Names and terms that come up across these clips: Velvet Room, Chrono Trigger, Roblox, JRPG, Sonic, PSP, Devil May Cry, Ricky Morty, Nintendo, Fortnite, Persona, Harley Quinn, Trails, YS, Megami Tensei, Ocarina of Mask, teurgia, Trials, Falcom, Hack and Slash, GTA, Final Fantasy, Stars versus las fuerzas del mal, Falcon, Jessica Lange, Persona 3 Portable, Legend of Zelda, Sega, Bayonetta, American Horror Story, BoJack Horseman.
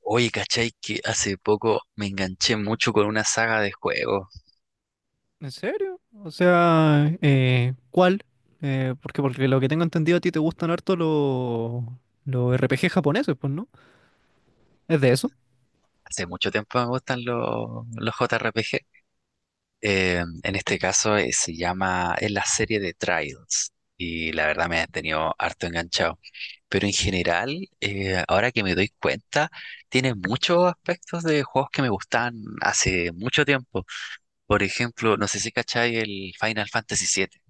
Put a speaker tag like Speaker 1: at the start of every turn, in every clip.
Speaker 1: Oye, ¿cachai? Que hace poco me enganché mucho con una saga de juegos.
Speaker 2: ¿En serio? O sea, ¿cuál? Porque lo que tengo entendido a ti te gustan harto los RPG japoneses, pues, ¿no? Es de eso.
Speaker 1: Hace mucho tiempo me gustan los JRPG. En este caso es la serie de Trials. Y la verdad me ha tenido harto enganchado. Pero en general, ahora que me doy cuenta, tiene muchos aspectos de juegos que me gustan hace mucho tiempo. Por ejemplo, no sé si cachai el Final Fantasy 7.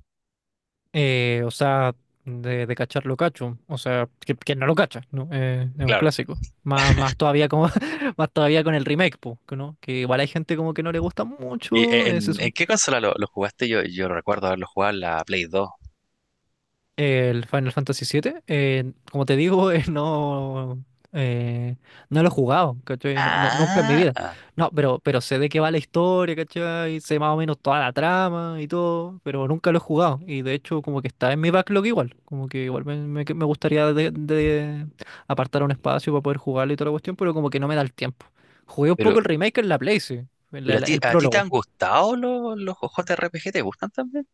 Speaker 2: O sea, de cachar lo cacho. O sea, que no lo cacha, ¿no? Es un
Speaker 1: Claro.
Speaker 2: clásico. Más, más todavía como, más todavía con el remake, pues, ¿no? Que igual hay gente como que no le gusta
Speaker 1: ¿Y
Speaker 2: mucho. Se
Speaker 1: en qué consola lo jugaste? Yo recuerdo haberlo jugado en la Play 2.
Speaker 2: El Final Fantasy siete como te digo, eh, no lo he jugado, ¿cachai? Nunca en mi
Speaker 1: Ah,
Speaker 2: vida. No, pero sé de qué va la historia, ¿cachai? Sé más o menos toda la trama y todo, pero nunca lo he jugado. Y de hecho, como que está en mi backlog igual. Como que igual me gustaría de apartar un espacio para poder jugarlo y toda la cuestión, pero como que no me da el tiempo. Jugué un
Speaker 1: pero,
Speaker 2: poco el remake en la Play, sí,
Speaker 1: pero
Speaker 2: el
Speaker 1: ¿a ti te
Speaker 2: prólogo.
Speaker 1: han gustado los JRPG? ¿Te gustan también?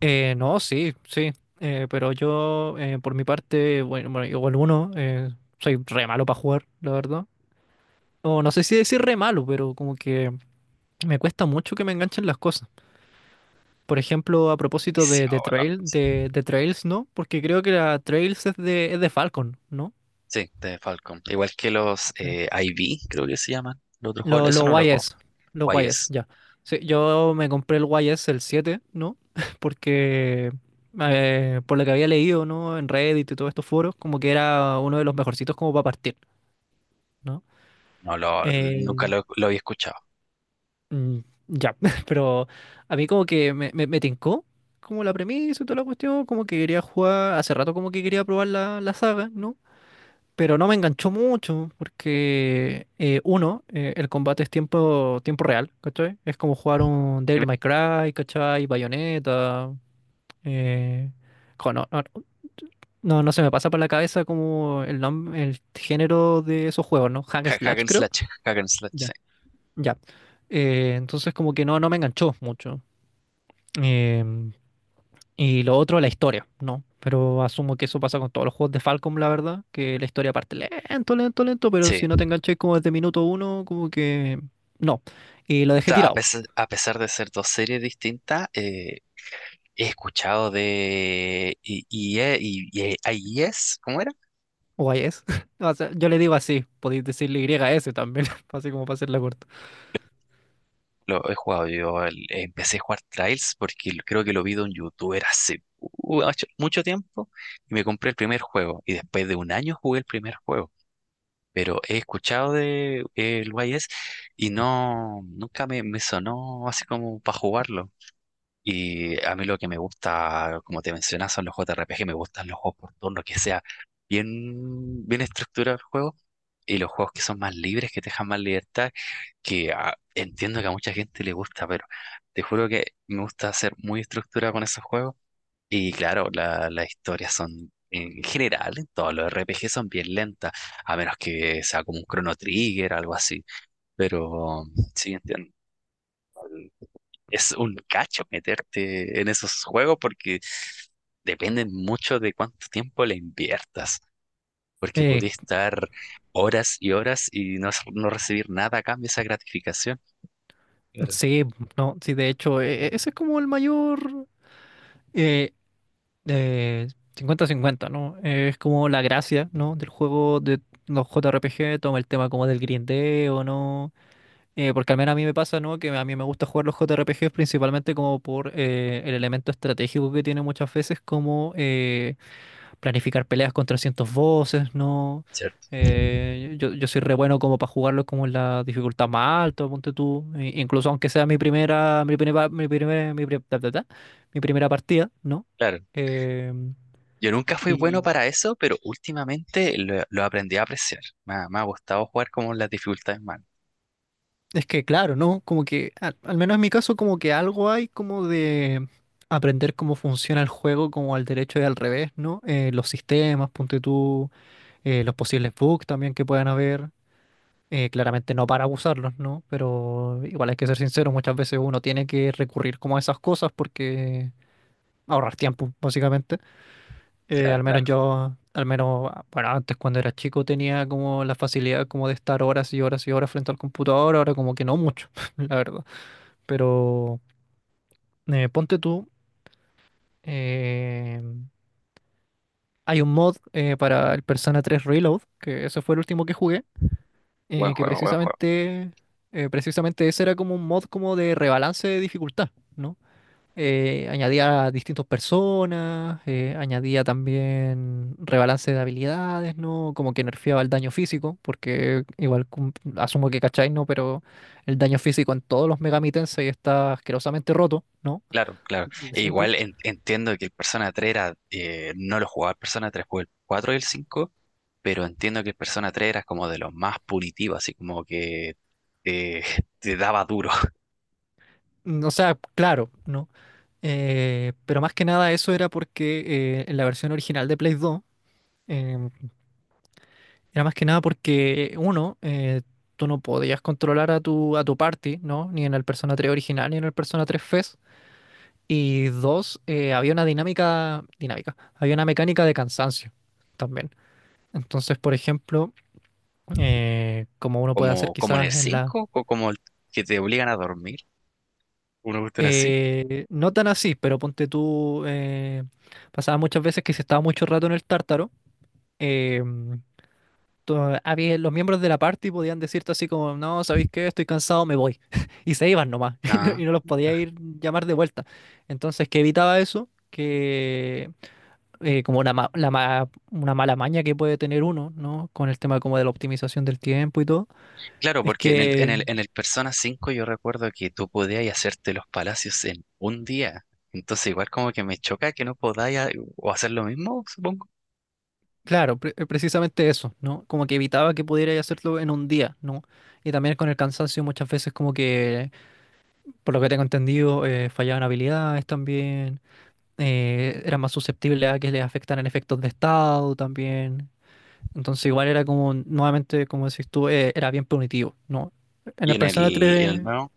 Speaker 2: No, sí, sí, pero yo por mi parte, igual uno, soy re malo para jugar, la verdad. O no sé si decir re malo, pero como que me cuesta mucho que me enganchen las cosas. Por ejemplo, a propósito de
Speaker 1: Viciado,
Speaker 2: Trail, de Trails, ¿no? Porque creo que la Trails es de Falcon, ¿no?
Speaker 1: sí, de Falcom. Igual que los
Speaker 2: Sí.
Speaker 1: IV, creo que se llaman. Los otros juegos, eso
Speaker 2: Los
Speaker 1: no lo juego.
Speaker 2: YS, los YS,
Speaker 1: YS.
Speaker 2: ya. Sí, yo me compré el YS, el 7 ¿no? Porque por lo que había leído, ¿no? En Reddit y todos estos foros, como que era uno de los mejorcitos como para partir, ¿no?
Speaker 1: No lo,
Speaker 2: Eh,
Speaker 1: nunca lo había escuchado.
Speaker 2: mm, ya, pero a mí como que me tincó como la premisa y toda la cuestión, como que quería jugar, hace rato como que quería probar la, la saga, ¿no? Pero no me enganchó mucho porque, el combate es tiempo, tiempo real, ¿cachai? Es como jugar un Devil May Cry, ¿cachai? Bayonetta. Eh, jo, no, no, no- no se me pasa por la cabeza como el género de esos juegos, ¿no? Hack and Slash, creo.
Speaker 1: Hack and Slash, sí.
Speaker 2: Ya. Ya. Entonces como que no, no me enganchó mucho. Em, Y lo otro, la historia, ¿no? Pero asumo que eso pasa con todos los juegos de Falcom, la verdad, que la historia parte lento, lento, lento, pero
Speaker 1: Sí.
Speaker 2: si no te
Speaker 1: O
Speaker 2: enganché como desde minuto uno, como que no. Y lo dejé
Speaker 1: sea, a
Speaker 2: tirado,
Speaker 1: pesar, a pesar de ser dos series distintas, he escuchado de IES, y IES. ¿Cómo
Speaker 2: o es. O sea, yo le digo así, podéis decirle Y S también, así como para hacerla corta.
Speaker 1: Lo he jugado yo, empecé a jugar Trials porque creo que lo vi de un youtuber hace mucho tiempo y me compré el primer juego y después de un año jugué el primer juego. Pero he escuchado de el YS y no, nunca me sonó así como para jugarlo. Y a mí lo que me gusta, como te mencionas, son los JRPG, me gustan los juegos por turno, que sea bien, bien estructurado el juego, y los juegos que son más libres, que te dejan más libertad, que entiendo que a mucha gente le gusta, pero te juro que me gusta ser muy estructurado con esos juegos. Y claro, las historias son, en general, en todos los RPG son bien lentas, a menos que sea como un Chrono Trigger, algo así. Pero sí, entiendo, es un cacho meterte en esos juegos porque dependen mucho de cuánto tiempo le inviertas, porque
Speaker 2: Eh,
Speaker 1: podés estar horas y horas y no recibir nada a cambio de esa gratificación. Claro.
Speaker 2: sí, no, sí, de hecho, ese es como el mayor eh, eh, 50-50, ¿no? Es como la gracia, ¿no? Del juego de los JRPG, toma el tema como del grindeo, ¿no? Porque al menos a mí me pasa, ¿no? Que a mí me gusta jugar los JRPGs principalmente como por el elemento estratégico que tiene muchas veces, como planificar peleas con trescientos voces, ¿no?
Speaker 1: ¿Cierto?
Speaker 2: Yo soy re bueno como para jugarlo como en la dificultad más alta, ponte tú. Incluso aunque sea mi primera, mi primera, mi primera, mi pri- ta, ta, ta, mi primera partida, ¿no?
Speaker 1: Claro.
Speaker 2: Em,
Speaker 1: Yo nunca fui bueno
Speaker 2: y
Speaker 1: para eso, pero últimamente lo aprendí a apreciar. Me ha gustado jugar como las dificultades más.
Speaker 2: Es que claro, ¿no? Como que, al menos en mi caso, como que algo hay como de aprender cómo funciona el juego, como al derecho y al revés, ¿no? Los sistemas, ponte tú, los posibles bugs también que puedan haber. Claramente no para abusarlos, ¿no? Pero igual hay que ser sincero, muchas veces uno tiene que recurrir como a esas cosas porque ahorrar tiempo, básicamente.
Speaker 1: Claro,
Speaker 2: Al menos
Speaker 1: claro.
Speaker 2: yo, al menos, bueno, antes cuando era chico tenía como la facilidad como de estar horas y horas y horas frente al computador, ahora como que no mucho, la verdad. Pero ponte tú, eh, hay un mod para el Persona 3 Reload, que ese fue el último que jugué,
Speaker 1: Buen
Speaker 2: eh, que
Speaker 1: juego, buen juego.
Speaker 2: precisamente, precisamente ese era como un mod como de rebalance de dificultad, ¿no? Añadía a distintas personas, añadía también rebalance de habilidades, ¿no? Como que nerfeaba el daño físico, porque igual asumo que cacháis, ¿no? Pero el daño físico en todos los Megami Tensei está asquerosamente roto, ¿no?
Speaker 1: Claro, claro. E
Speaker 2: Siempre
Speaker 1: igual entiendo que el Persona 3 era, no lo jugaba el Persona 3, jugué el 4 y el 5, pero entiendo que el Persona tres era como de los más punitivos, así como que eh, te daba duro,
Speaker 2: O sea, claro, ¿no? Pero más que nada eso era porque en la versión original de Play 2, em, era más que nada porque, tú no podías controlar a a tu party, ¿no? Ni en el Persona 3 original, ni en el Persona 3 Fest. Y dos, había una había una mecánica de cansancio también. Entonces, por ejemplo, como uno puede hacer
Speaker 1: como en el
Speaker 2: quizás en la,
Speaker 1: 5 o como el que te obligan a dormir, una cuestión así.
Speaker 2: eh, no tan así, pero ponte tú, pasaba muchas veces que si estaba mucho rato en el tártaro, eh, había, los miembros de la party podían decirte así como, no, ¿sabéis qué? Estoy cansado, me voy. Y se iban nomás,
Speaker 1: Ah,
Speaker 2: y no los podía ir llamar de vuelta. Entonces, ¿qué evitaba eso? Que como una, ma- la ma- una mala maña que puede tener uno, ¿no? Con el tema como de la optimización del tiempo y todo,
Speaker 1: claro,
Speaker 2: es
Speaker 1: porque en el, en
Speaker 2: que
Speaker 1: el, en el Persona 5 yo recuerdo que tú podías hacerte los palacios en un día, entonces igual como que me choca que no podáis o hacer lo mismo, supongo.
Speaker 2: Claro, precisamente eso, ¿no? Como que evitaba que pudiera hacerlo en un día, ¿no? Y también con el cansancio muchas veces como que, por lo que tengo entendido, fallaban habilidades también, eran más susceptibles a que les afectaran efectos de estado también. Entonces igual era como, nuevamente, como decís tú, era bien punitivo, ¿no? En
Speaker 1: Y
Speaker 2: el
Speaker 1: en el,
Speaker 2: Persona
Speaker 1: y en
Speaker 2: 3.
Speaker 1: el nuevo.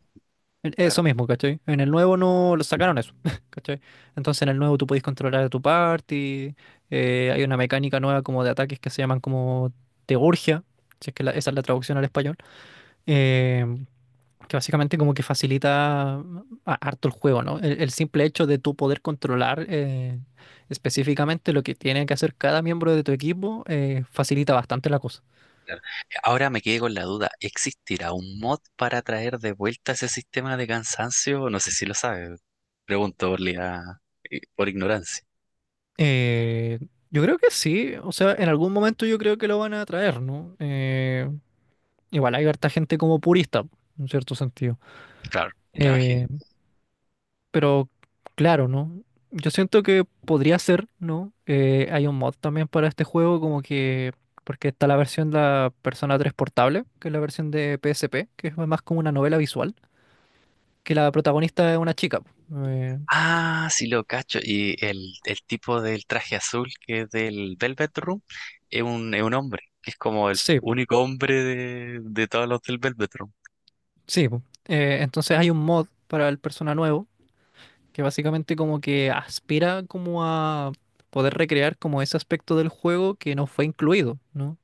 Speaker 2: Eso
Speaker 1: Claro.
Speaker 2: mismo, ¿cachai? En el nuevo no lo sacaron eso, ¿cachai? Entonces en el nuevo tú podés controlar a tu party, hay una mecánica nueva como de ataques que se llaman como teurgia, si es que esa es la traducción al español, eh, que básicamente como que harto el juego, ¿no? El simple hecho de tú poder controlar específicamente lo que tiene que hacer cada miembro de tu equipo facilita bastante la cosa.
Speaker 1: Claro. Ahora me quedé con la duda, ¿existirá un mod para traer de vuelta ese sistema de cansancio? No sé si lo sabe. Pregunto por ignorancia.
Speaker 2: Eh, yo creo que sí, o sea, en algún momento yo creo que lo van a traer, ¿no? Igual hay harta gente como purista, en cierto sentido.
Speaker 1: Claro, me imagino.
Speaker 2: Eh, pero claro, ¿no? Yo siento que podría ser, ¿no? Hay un mod también para este juego, como que. Porque está la versión de la Persona 3 portable, que es la versión de PSP, que es más como una novela visual, que la protagonista es una chica. Eh,
Speaker 1: Ah, sí lo cacho. Y el tipo del traje azul que es del Velvet Room es un hombre, que es como el
Speaker 2: sí,
Speaker 1: único hombre de todos los del Velvet Room.
Speaker 2: sí. Po. Entonces hay un mod para el Persona nuevo que básicamente como que aspira como a poder recrear como ese aspecto del juego que no fue incluido, ¿no?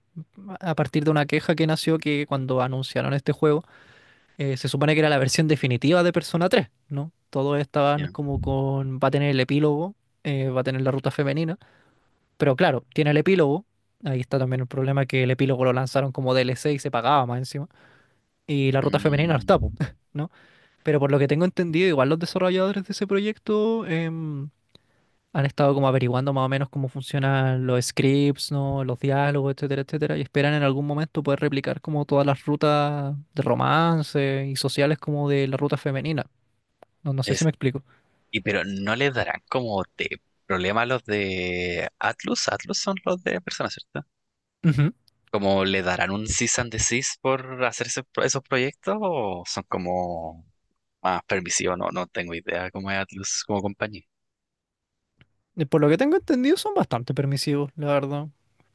Speaker 2: A partir de una queja que nació que cuando anunciaron este juego, se supone que era la versión definitiva de Persona 3, ¿no? Todos estaban
Speaker 1: Ya.
Speaker 2: como con, va a tener el epílogo, va a tener la ruta femenina, pero claro, tiene el epílogo, ahí está también el problema que el epílogo lo lanzaron como DLC y se pagaba más encima, y la ruta femenina no
Speaker 1: Mm,
Speaker 2: está, po, ¿no? Pero por lo que tengo entendido, igual los desarrolladores de ese proyecto... han estado como averiguando más o menos cómo funcionan los scripts, ¿no? Los diálogos, etcétera, etcétera, y esperan en algún momento poder replicar como todas las rutas de romance y sociales como de la ruta femenina. No, no sé si
Speaker 1: es,
Speaker 2: me explico.
Speaker 1: y pero no les darán como de problema a los de Atlus. Atlus son los de personas.
Speaker 2: Ujú.
Speaker 1: ¿Como le darán un cease and desist por hacer esos proyectos o son como más permisivos? No, no tengo idea cómo es Atlus como compañía.
Speaker 2: Por lo que tengo entendido son bastante permisivos, la verdad.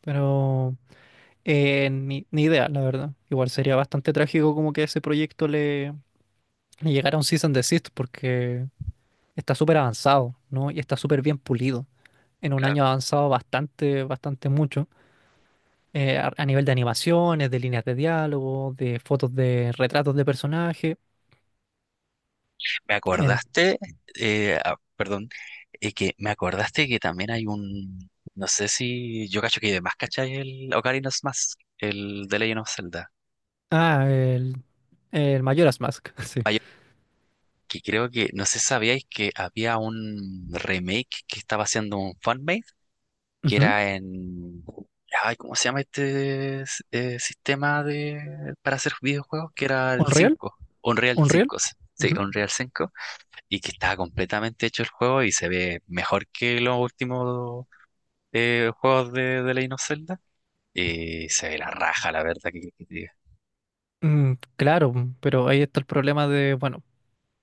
Speaker 2: Pero ni idea, la verdad. Igual sería bastante trágico como que a ese le llegara un cease and desist porque está súper avanzado, ¿no? Y está súper bien pulido. En un
Speaker 1: Claro.
Speaker 2: año ha avanzado bastante, bastante mucho. Eh, a nivel de animaciones, de líneas de diálogo, de fotos de retratos de personaje.
Speaker 1: Me
Speaker 2: En,
Speaker 1: acordaste, ah, perdón, que me acordaste que también hay un, no sé si yo cacho que además cachai el Ocarina of Mask, el de Legend of Zelda.
Speaker 2: ah, el Majora's Mask, sí.
Speaker 1: Hay- que creo que, no sé si sabíais, que había un remake que estaba haciendo un fanmade que
Speaker 2: Ujú.
Speaker 1: era en... Ay, ¿cómo se llama sistema para hacer videojuegos? Que era el
Speaker 2: Unreal,
Speaker 1: cinco, Unreal
Speaker 2: Unreal.
Speaker 1: 5, sí,
Speaker 2: Ujú.
Speaker 1: Unreal 5, y que estaba completamente hecho el juego y se ve mejor que los últimos juegos de Legend of Zelda. Y se ve la raja, la verdad,
Speaker 2: Mm, claro, pero ahí está el problema de, bueno,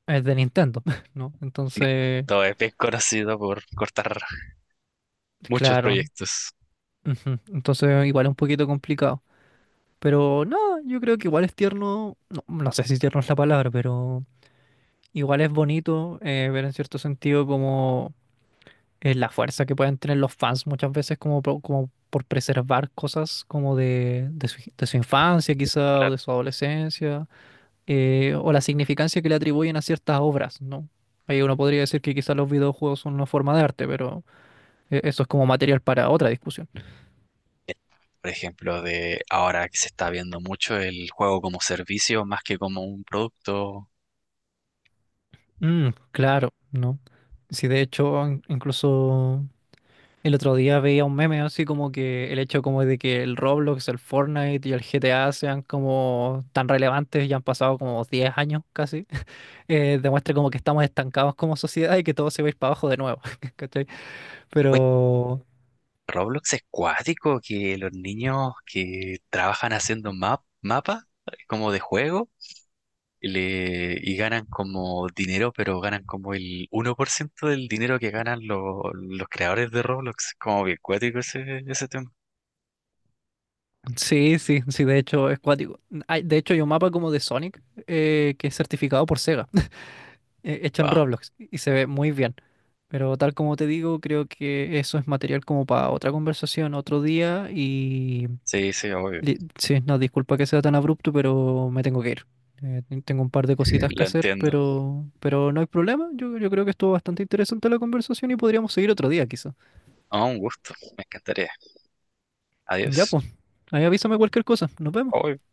Speaker 2: es de Nintendo, ¿no? Entonces,
Speaker 1: todo es bien conocido por cortar muchos
Speaker 2: claro,
Speaker 1: proyectos.
Speaker 2: ujú. Entonces igual es un poquito complicado. Pero no, yo creo que igual es tierno, no, no sé si tierno es la palabra, pero igual es bonito ver en cierto sentido como la fuerza que pueden tener los fans muchas veces como, como por preservar cosas como de su infancia quizá o
Speaker 1: Claro.
Speaker 2: de su adolescencia o la significancia que le atribuyen a ciertas obras, ¿no? Ahí uno podría decir que quizás los videojuegos son una forma de arte, pero eso es como material para otra discusión.
Speaker 1: Por ejemplo, de ahora que se está viendo mucho el juego como servicio más que como un producto.
Speaker 2: Mm, claro, ¿no? Sí, de hecho, incluso el otro día veía un meme así como que el hecho como de que el Roblox, el Fortnite y el GTA sean como tan relevantes ya han pasado como 10 años casi, demuestra como que estamos estancados como sociedad y que todo se va a ir para abajo de nuevo, ¿cachai? Pero
Speaker 1: Roblox es cuático, que los niños que trabajan haciendo mapas como de juego, y ganan como dinero, pero ganan como el 1% del dinero que ganan los creadores de Roblox. Como bien cuático ese tema.
Speaker 2: sí, sí, sí, de hecho es cuático. De hecho hay un mapa como de Sonic que es certificado por Sega, hecho en
Speaker 1: Wow.
Speaker 2: Roblox y se ve muy bien. Pero tal como te digo, creo que eso es material como para otra conversación otro día y...
Speaker 1: Sí, sí, obvio.
Speaker 2: Sí, no, disculpa que sea tan abrupto, pero me tengo que ir. Tengo un par de cositas que
Speaker 1: Lo
Speaker 2: hacer,
Speaker 1: entiendo.
Speaker 2: pero no hay problema. Yo creo que estuvo bastante interesante la conversación y podríamos seguir otro día, quizá.
Speaker 1: Ah, un gusto. Me encantaría.
Speaker 2: Ya,
Speaker 1: Adiós.
Speaker 2: pues. Ahí avísame cualquier cosa. Nos vemos.
Speaker 1: Obvio.